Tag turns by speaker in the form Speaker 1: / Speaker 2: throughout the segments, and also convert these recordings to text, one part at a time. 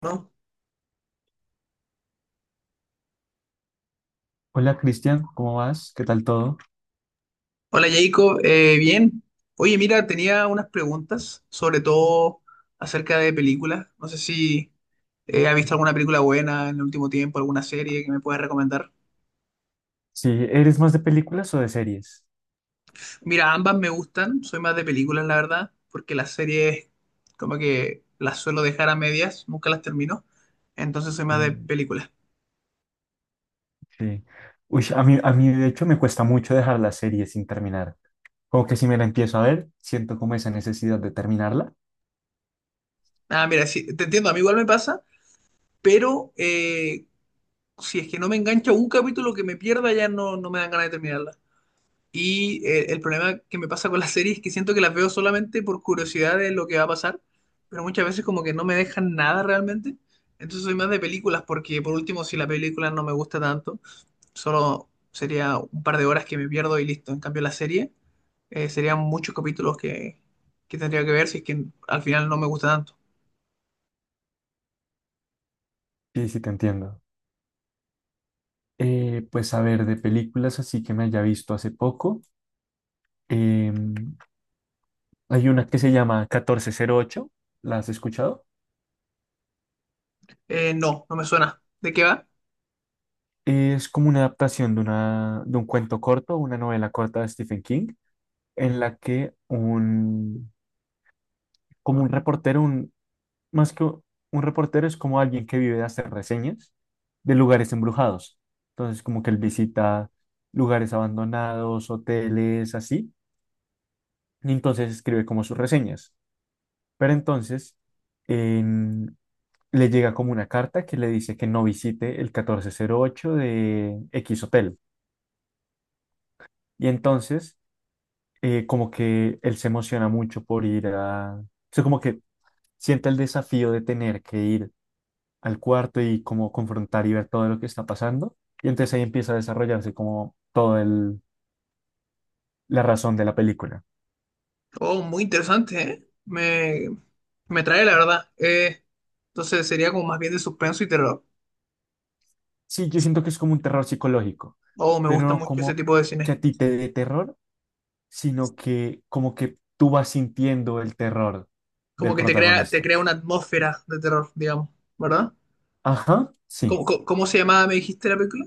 Speaker 1: ¿No?
Speaker 2: Hola Cristian, ¿cómo vas? ¿Qué tal todo?
Speaker 1: Hola Jacob, bien. Oye, mira, tenía unas preguntas, sobre todo acerca de películas. No sé si has visto alguna película buena en el último tiempo, alguna serie que me puedas recomendar.
Speaker 2: Sí, ¿eres más de películas o de series?
Speaker 1: Mira, ambas me gustan, soy más de películas, la verdad, porque las series como que las suelo dejar a medias, nunca las termino, entonces soy más de
Speaker 2: Mm,
Speaker 1: películas.
Speaker 2: sí. Uy, a mí de hecho me cuesta mucho dejar la serie sin terminar. Como que si me la empiezo a ver, siento como esa necesidad de terminarla.
Speaker 1: Ah, mira, sí, te entiendo, a mí igual me pasa, pero si es que no me engancha un capítulo que me pierda, ya no, no me dan ganas de terminarla. Y el problema que me pasa con las series es que siento que las veo solamente por curiosidad de lo que va a pasar, pero muchas veces como que no me dejan nada realmente. Entonces soy más de películas porque por último si la película no me gusta tanto, solo sería un par de horas que me pierdo y listo. En cambio la serie serían muchos capítulos que tendría que ver si es que al final no me gusta tanto.
Speaker 2: Sí, sí, te entiendo. Pues a ver, de películas así que me haya visto hace poco. em, Hay una que se llama 1408. ¿La has escuchado?
Speaker 1: No, no me suena. ¿De qué va?
Speaker 2: Es como una adaptación de un cuento corto, una novela corta de Stephen King, en la que un, como un reportero, un, más que un reportero es como alguien que vive de hacer reseñas de lugares embrujados. Entonces, como que él visita lugares abandonados, hoteles, así, y entonces escribe como sus reseñas. Pero entonces, en le llega como una carta que le dice que no visite el 1408 de X Hotel. Y entonces, como que él se emociona mucho por ir a. O sea, como que siente el desafío de tener que ir al cuarto y como confrontar y ver todo lo que está pasando. Y entonces ahí empieza a desarrollarse como la razón de la película.
Speaker 1: Oh, muy interesante, ¿eh? Me trae la verdad. Entonces sería como más bien de suspenso y terror.
Speaker 2: Sí, yo siento que es como un terror psicológico,
Speaker 1: Oh, me
Speaker 2: pero
Speaker 1: gusta
Speaker 2: no
Speaker 1: mucho ese
Speaker 2: como
Speaker 1: tipo de
Speaker 2: que
Speaker 1: cine.
Speaker 2: a ti te dé terror, sino que como que tú vas sintiendo el terror del
Speaker 1: Como que te
Speaker 2: protagonista.
Speaker 1: crea una atmósfera de terror, digamos, ¿verdad?
Speaker 2: Ajá, sí,
Speaker 1: Cómo se llamaba, me dijiste la película?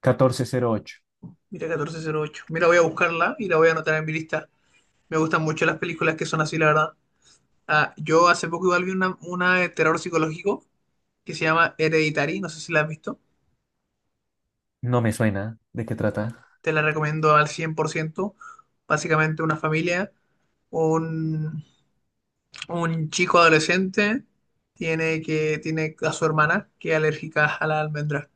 Speaker 2: 1408.
Speaker 1: Mira, 1408. Mira, voy a buscarla y la voy a anotar en mi lista. Me gustan mucho las películas que son así, la verdad. Ah, yo hace poco igual vi una de terror psicológico que se llama Hereditary, no sé si la has visto.
Speaker 2: No me suena. ¿De qué trata?
Speaker 1: Te la recomiendo al 100%. Básicamente una familia, un, un chico adolescente tiene a su hermana que es alérgica a la almendra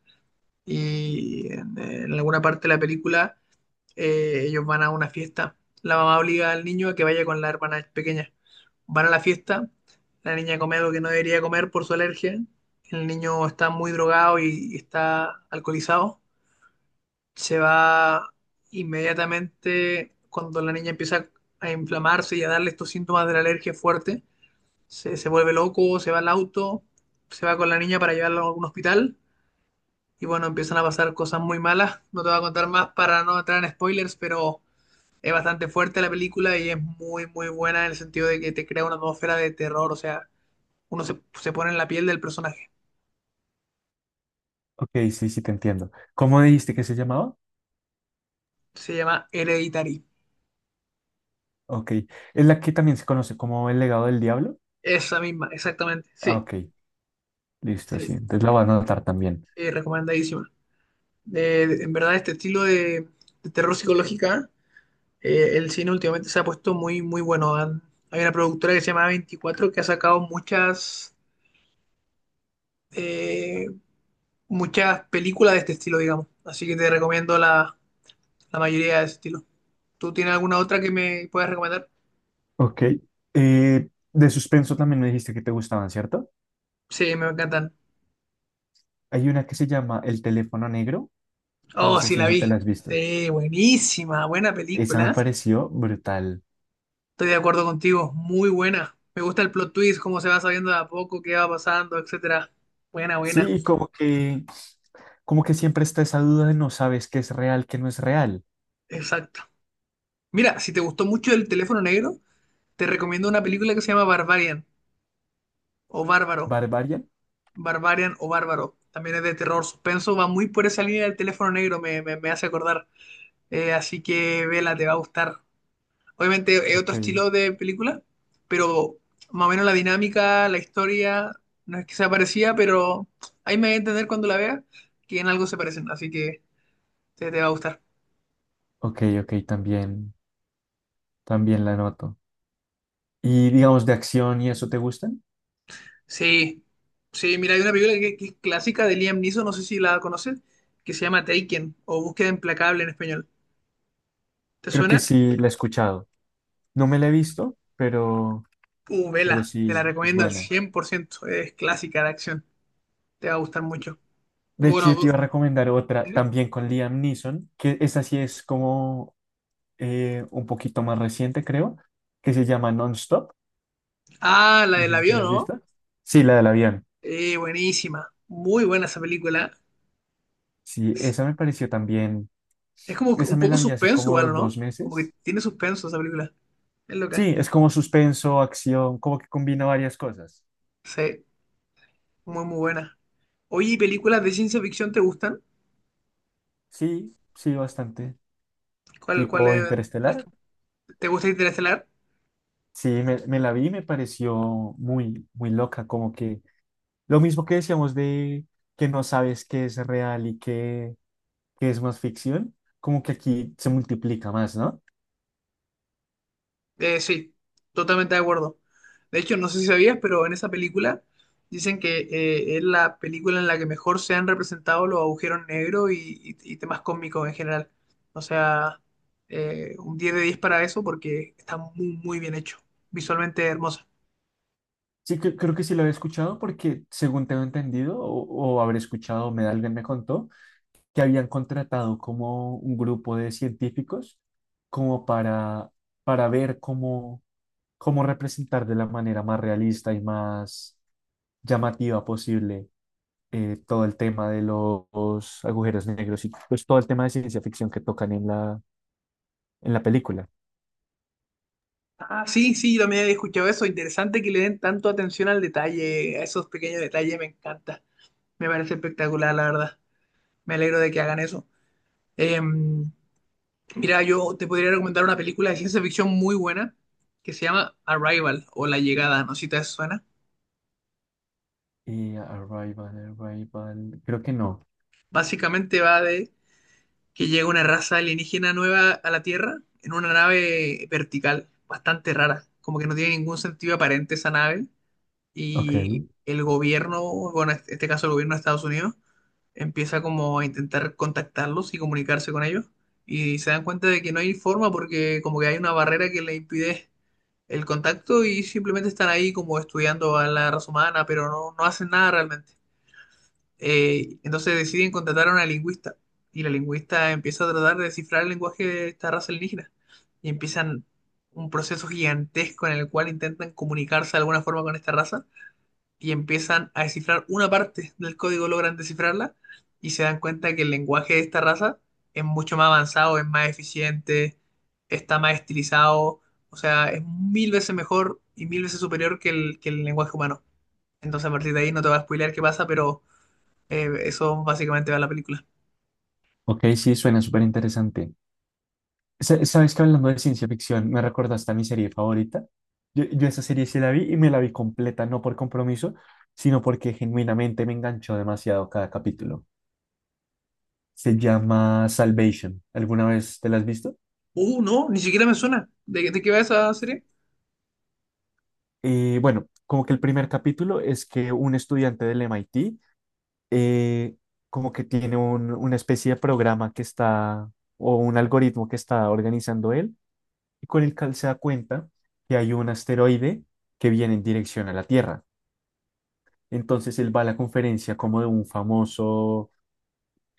Speaker 1: y en alguna parte de la película ellos van a una fiesta. La mamá obliga al niño a que vaya con la hermana pequeña. Van a la fiesta, la niña come algo que no debería comer por su alergia, el niño está muy drogado y está alcoholizado. Se va inmediatamente cuando la niña empieza a inflamarse y a darle estos síntomas de la alergia fuerte. Se vuelve loco, se va al auto, se va con la niña para llevarla a algún hospital y bueno, empiezan a pasar cosas muy malas. No te voy a contar más para no entrar en spoilers, pero es bastante fuerte la película y es muy, muy buena en el sentido de que te crea una atmósfera de terror, o sea, se pone en la piel del personaje.
Speaker 2: Ok, sí, sí, te entiendo. ¿Cómo dijiste que se llamaba?
Speaker 1: Se llama Hereditary.
Speaker 2: Ok. ¿Es la que también se conoce como El Legado del Diablo?
Speaker 1: Esa misma, exactamente.
Speaker 2: Ah,
Speaker 1: Sí,
Speaker 2: ok. Listo, sí.
Speaker 1: sí,
Speaker 2: Entonces la voy a anotar también.
Speaker 1: sí, recomendadísima. En verdad, este estilo de terror psicológica, el cine últimamente se ha puesto muy, muy bueno. Hay una productora que se llama 24 que ha sacado muchas eh, muchas películas de este estilo, digamos. Así que te recomiendo la mayoría de ese estilo. ¿Tú tienes alguna otra que me puedas recomendar?
Speaker 2: Ok. De suspenso también me dijiste que te gustaban, ¿cierto?
Speaker 1: Sí, me encantan.
Speaker 2: Hay una que se llama El Teléfono Negro. No
Speaker 1: Oh,
Speaker 2: sé
Speaker 1: sí,
Speaker 2: si
Speaker 1: la
Speaker 2: esa te la
Speaker 1: vi.
Speaker 2: has visto.
Speaker 1: Sí, buenísima, buena
Speaker 2: Esa me
Speaker 1: película.
Speaker 2: pareció brutal.
Speaker 1: Estoy de acuerdo contigo, muy buena. Me gusta el plot twist, cómo se va sabiendo de a poco, qué va pasando, etcétera. Buena,
Speaker 2: Sí,
Speaker 1: buena.
Speaker 2: y como que siempre está esa duda de no sabes qué es real, qué no es real.
Speaker 1: Exacto. Mira, si te gustó mucho el teléfono negro, te recomiendo una película que se llama Barbarian o Bárbaro.
Speaker 2: ¿Barbarian?
Speaker 1: Barbarian o Bárbaro. También es de terror suspenso, va muy por esa línea del teléfono negro, me hace acordar. Así que vela, te va a gustar. Obviamente es otro
Speaker 2: Ok.
Speaker 1: estilo de película, pero más o menos la dinámica, la historia, no es que sea parecida, pero ahí me voy a entender cuando la vea que en algo se parecen, así que te va a gustar.
Speaker 2: Ok, ok, también la noto. ¿Y digamos, de acción y eso te gustan?
Speaker 1: Sí, sí, mira, hay una película que es clásica de Liam Neeson, no sé si la conoces, que se llama Taken o Búsqueda Implacable en español. ¿Te
Speaker 2: Creo que
Speaker 1: suena?
Speaker 2: sí la he escuchado. No me la he visto, pero, pero
Speaker 1: Vela, te la
Speaker 2: sí es
Speaker 1: recomiendo al
Speaker 2: buena.
Speaker 1: cien por ciento, es clásica de acción, te va a gustar mucho.
Speaker 2: De hecho,
Speaker 1: Bueno,
Speaker 2: yo te iba a recomendar otra
Speaker 1: ¿eh?
Speaker 2: también con Liam Neeson, que esta sí es como un poquito más reciente, creo, que se llama Non-Stop.
Speaker 1: Ah, la
Speaker 2: No
Speaker 1: del
Speaker 2: sé si te
Speaker 1: avión,
Speaker 2: la has
Speaker 1: ¿no?
Speaker 2: visto. Sí, la del avión.
Speaker 1: Buenísima, muy buena esa película.
Speaker 2: Sí,
Speaker 1: Es,
Speaker 2: esa me pareció también.
Speaker 1: es como que
Speaker 2: Esa
Speaker 1: un
Speaker 2: me la
Speaker 1: poco
Speaker 2: vi hace
Speaker 1: suspenso
Speaker 2: como
Speaker 1: igual, ¿o
Speaker 2: dos
Speaker 1: ¿no? Como que
Speaker 2: meses.
Speaker 1: tiene suspenso esa película. Es loca.
Speaker 2: Sí, es como suspenso, acción, como que combina varias cosas.
Speaker 1: Sí, muy, muy buena. Oye, ¿y películas de ciencia ficción te gustan?
Speaker 2: Sí, sí, bastante.
Speaker 1: ¿Cuál
Speaker 2: Tipo
Speaker 1: es las que
Speaker 2: Interestelar.
Speaker 1: te gusta Interestelar?
Speaker 2: Sí, me la vi y me pareció muy, muy loca. Como que lo mismo que decíamos de que no sabes qué es real y qué es más ficción, como que aquí se multiplica más, ¿no?
Speaker 1: Sí, totalmente de acuerdo. De hecho, no sé si sabías, pero en esa película dicen que es la película en la que mejor se han representado los agujeros negros y temas cósmicos en general. O sea, un 10 de 10 para eso porque está muy, muy bien hecho. Visualmente hermosa.
Speaker 2: Sí, creo que sí lo había escuchado porque según tengo entendido o habré escuchado, me alguien me contó, que habían contratado como un grupo de científicos como para ver cómo representar de la manera más realista y más llamativa posible todo el tema de los agujeros negros y pues todo el tema de ciencia ficción que tocan en la película.
Speaker 1: Ah, sí, sí, yo también he escuchado eso. Interesante que le den tanto atención al detalle, a esos pequeños detalles, me encanta. Me parece espectacular, la verdad. Me alegro de que hagan eso. Eh, Mira, yo te podría recomendar una película de ciencia ficción muy buena que se llama Arrival o La Llegada, no sé si te suena.
Speaker 2: Arrival, creo que no.
Speaker 1: Básicamente va de que llega una raza alienígena nueva a la Tierra en una nave vertical, bastante rara, como que no tiene ningún sentido aparente esa nave
Speaker 2: Ok,
Speaker 1: y el gobierno, bueno, en este caso el gobierno de Estados Unidos, empieza como a intentar contactarlos y comunicarse con ellos y se dan cuenta de que no hay forma porque como que hay una barrera que le impide el contacto y simplemente están ahí como estudiando a la raza humana, pero no, no hacen nada realmente. Entonces deciden contratar a una lingüista y la lingüista empieza a tratar de descifrar el lenguaje de esta raza alienígena y empiezan un proceso gigantesco en el cual intentan comunicarse de alguna forma con esta raza y empiezan a descifrar una parte del código, logran descifrarla y se dan cuenta que el lenguaje de esta raza es mucho más avanzado, es más eficiente, está más estilizado, o sea, es mil veces mejor y mil veces superior que que el lenguaje humano. Entonces a partir de ahí no te va a spoilear qué pasa, pero eso básicamente va a la película.
Speaker 2: ok, sí, suena súper interesante. ¿Sabes que hablando de ciencia ficción me recordaste a mi serie favorita? Yo esa serie sí la vi y me la vi completa, no por compromiso, sino porque genuinamente me enganchó demasiado cada capítulo. Se llama Salvation. ¿Alguna vez te la has visto?
Speaker 1: No, ni siquiera me suena. De qué va esa serie?
Speaker 2: Bueno, como que el primer capítulo es que un estudiante del MIT eh, como que tiene una especie de programa que está o un algoritmo que está organizando él y con el cual se da cuenta que hay un asteroide que viene en dirección a la Tierra. Entonces él va a la conferencia como de un famoso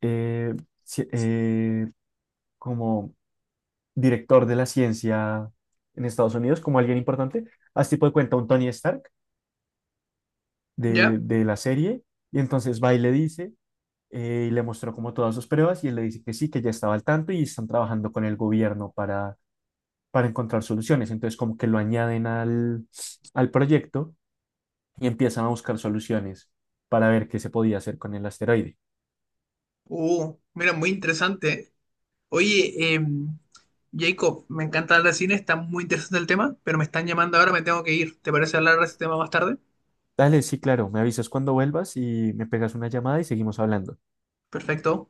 Speaker 2: eh, ci- eh, como director de la ciencia en Estados Unidos, como alguien importante. Haz tipo de cuenta un Tony Stark
Speaker 1: ¿Ya?
Speaker 2: de la serie. Y entonces va y le dice, y le mostró como todas sus pruebas, y él le dice que sí, que ya estaba al tanto y están trabajando con el gobierno para encontrar soluciones. Entonces como que lo añaden al proyecto y empiezan a buscar soluciones para ver qué se podía hacer con el asteroide.
Speaker 1: Mira, muy interesante. ¿Eh? Oye, Jacob, me encanta hablar de cine, está muy interesante el tema, pero me están llamando ahora, me tengo que ir. ¿Te parece hablar de ese tema más tarde?
Speaker 2: Dale, sí, claro, me avisas cuando vuelvas y me pegas una llamada y seguimos hablando.
Speaker 1: Perfecto.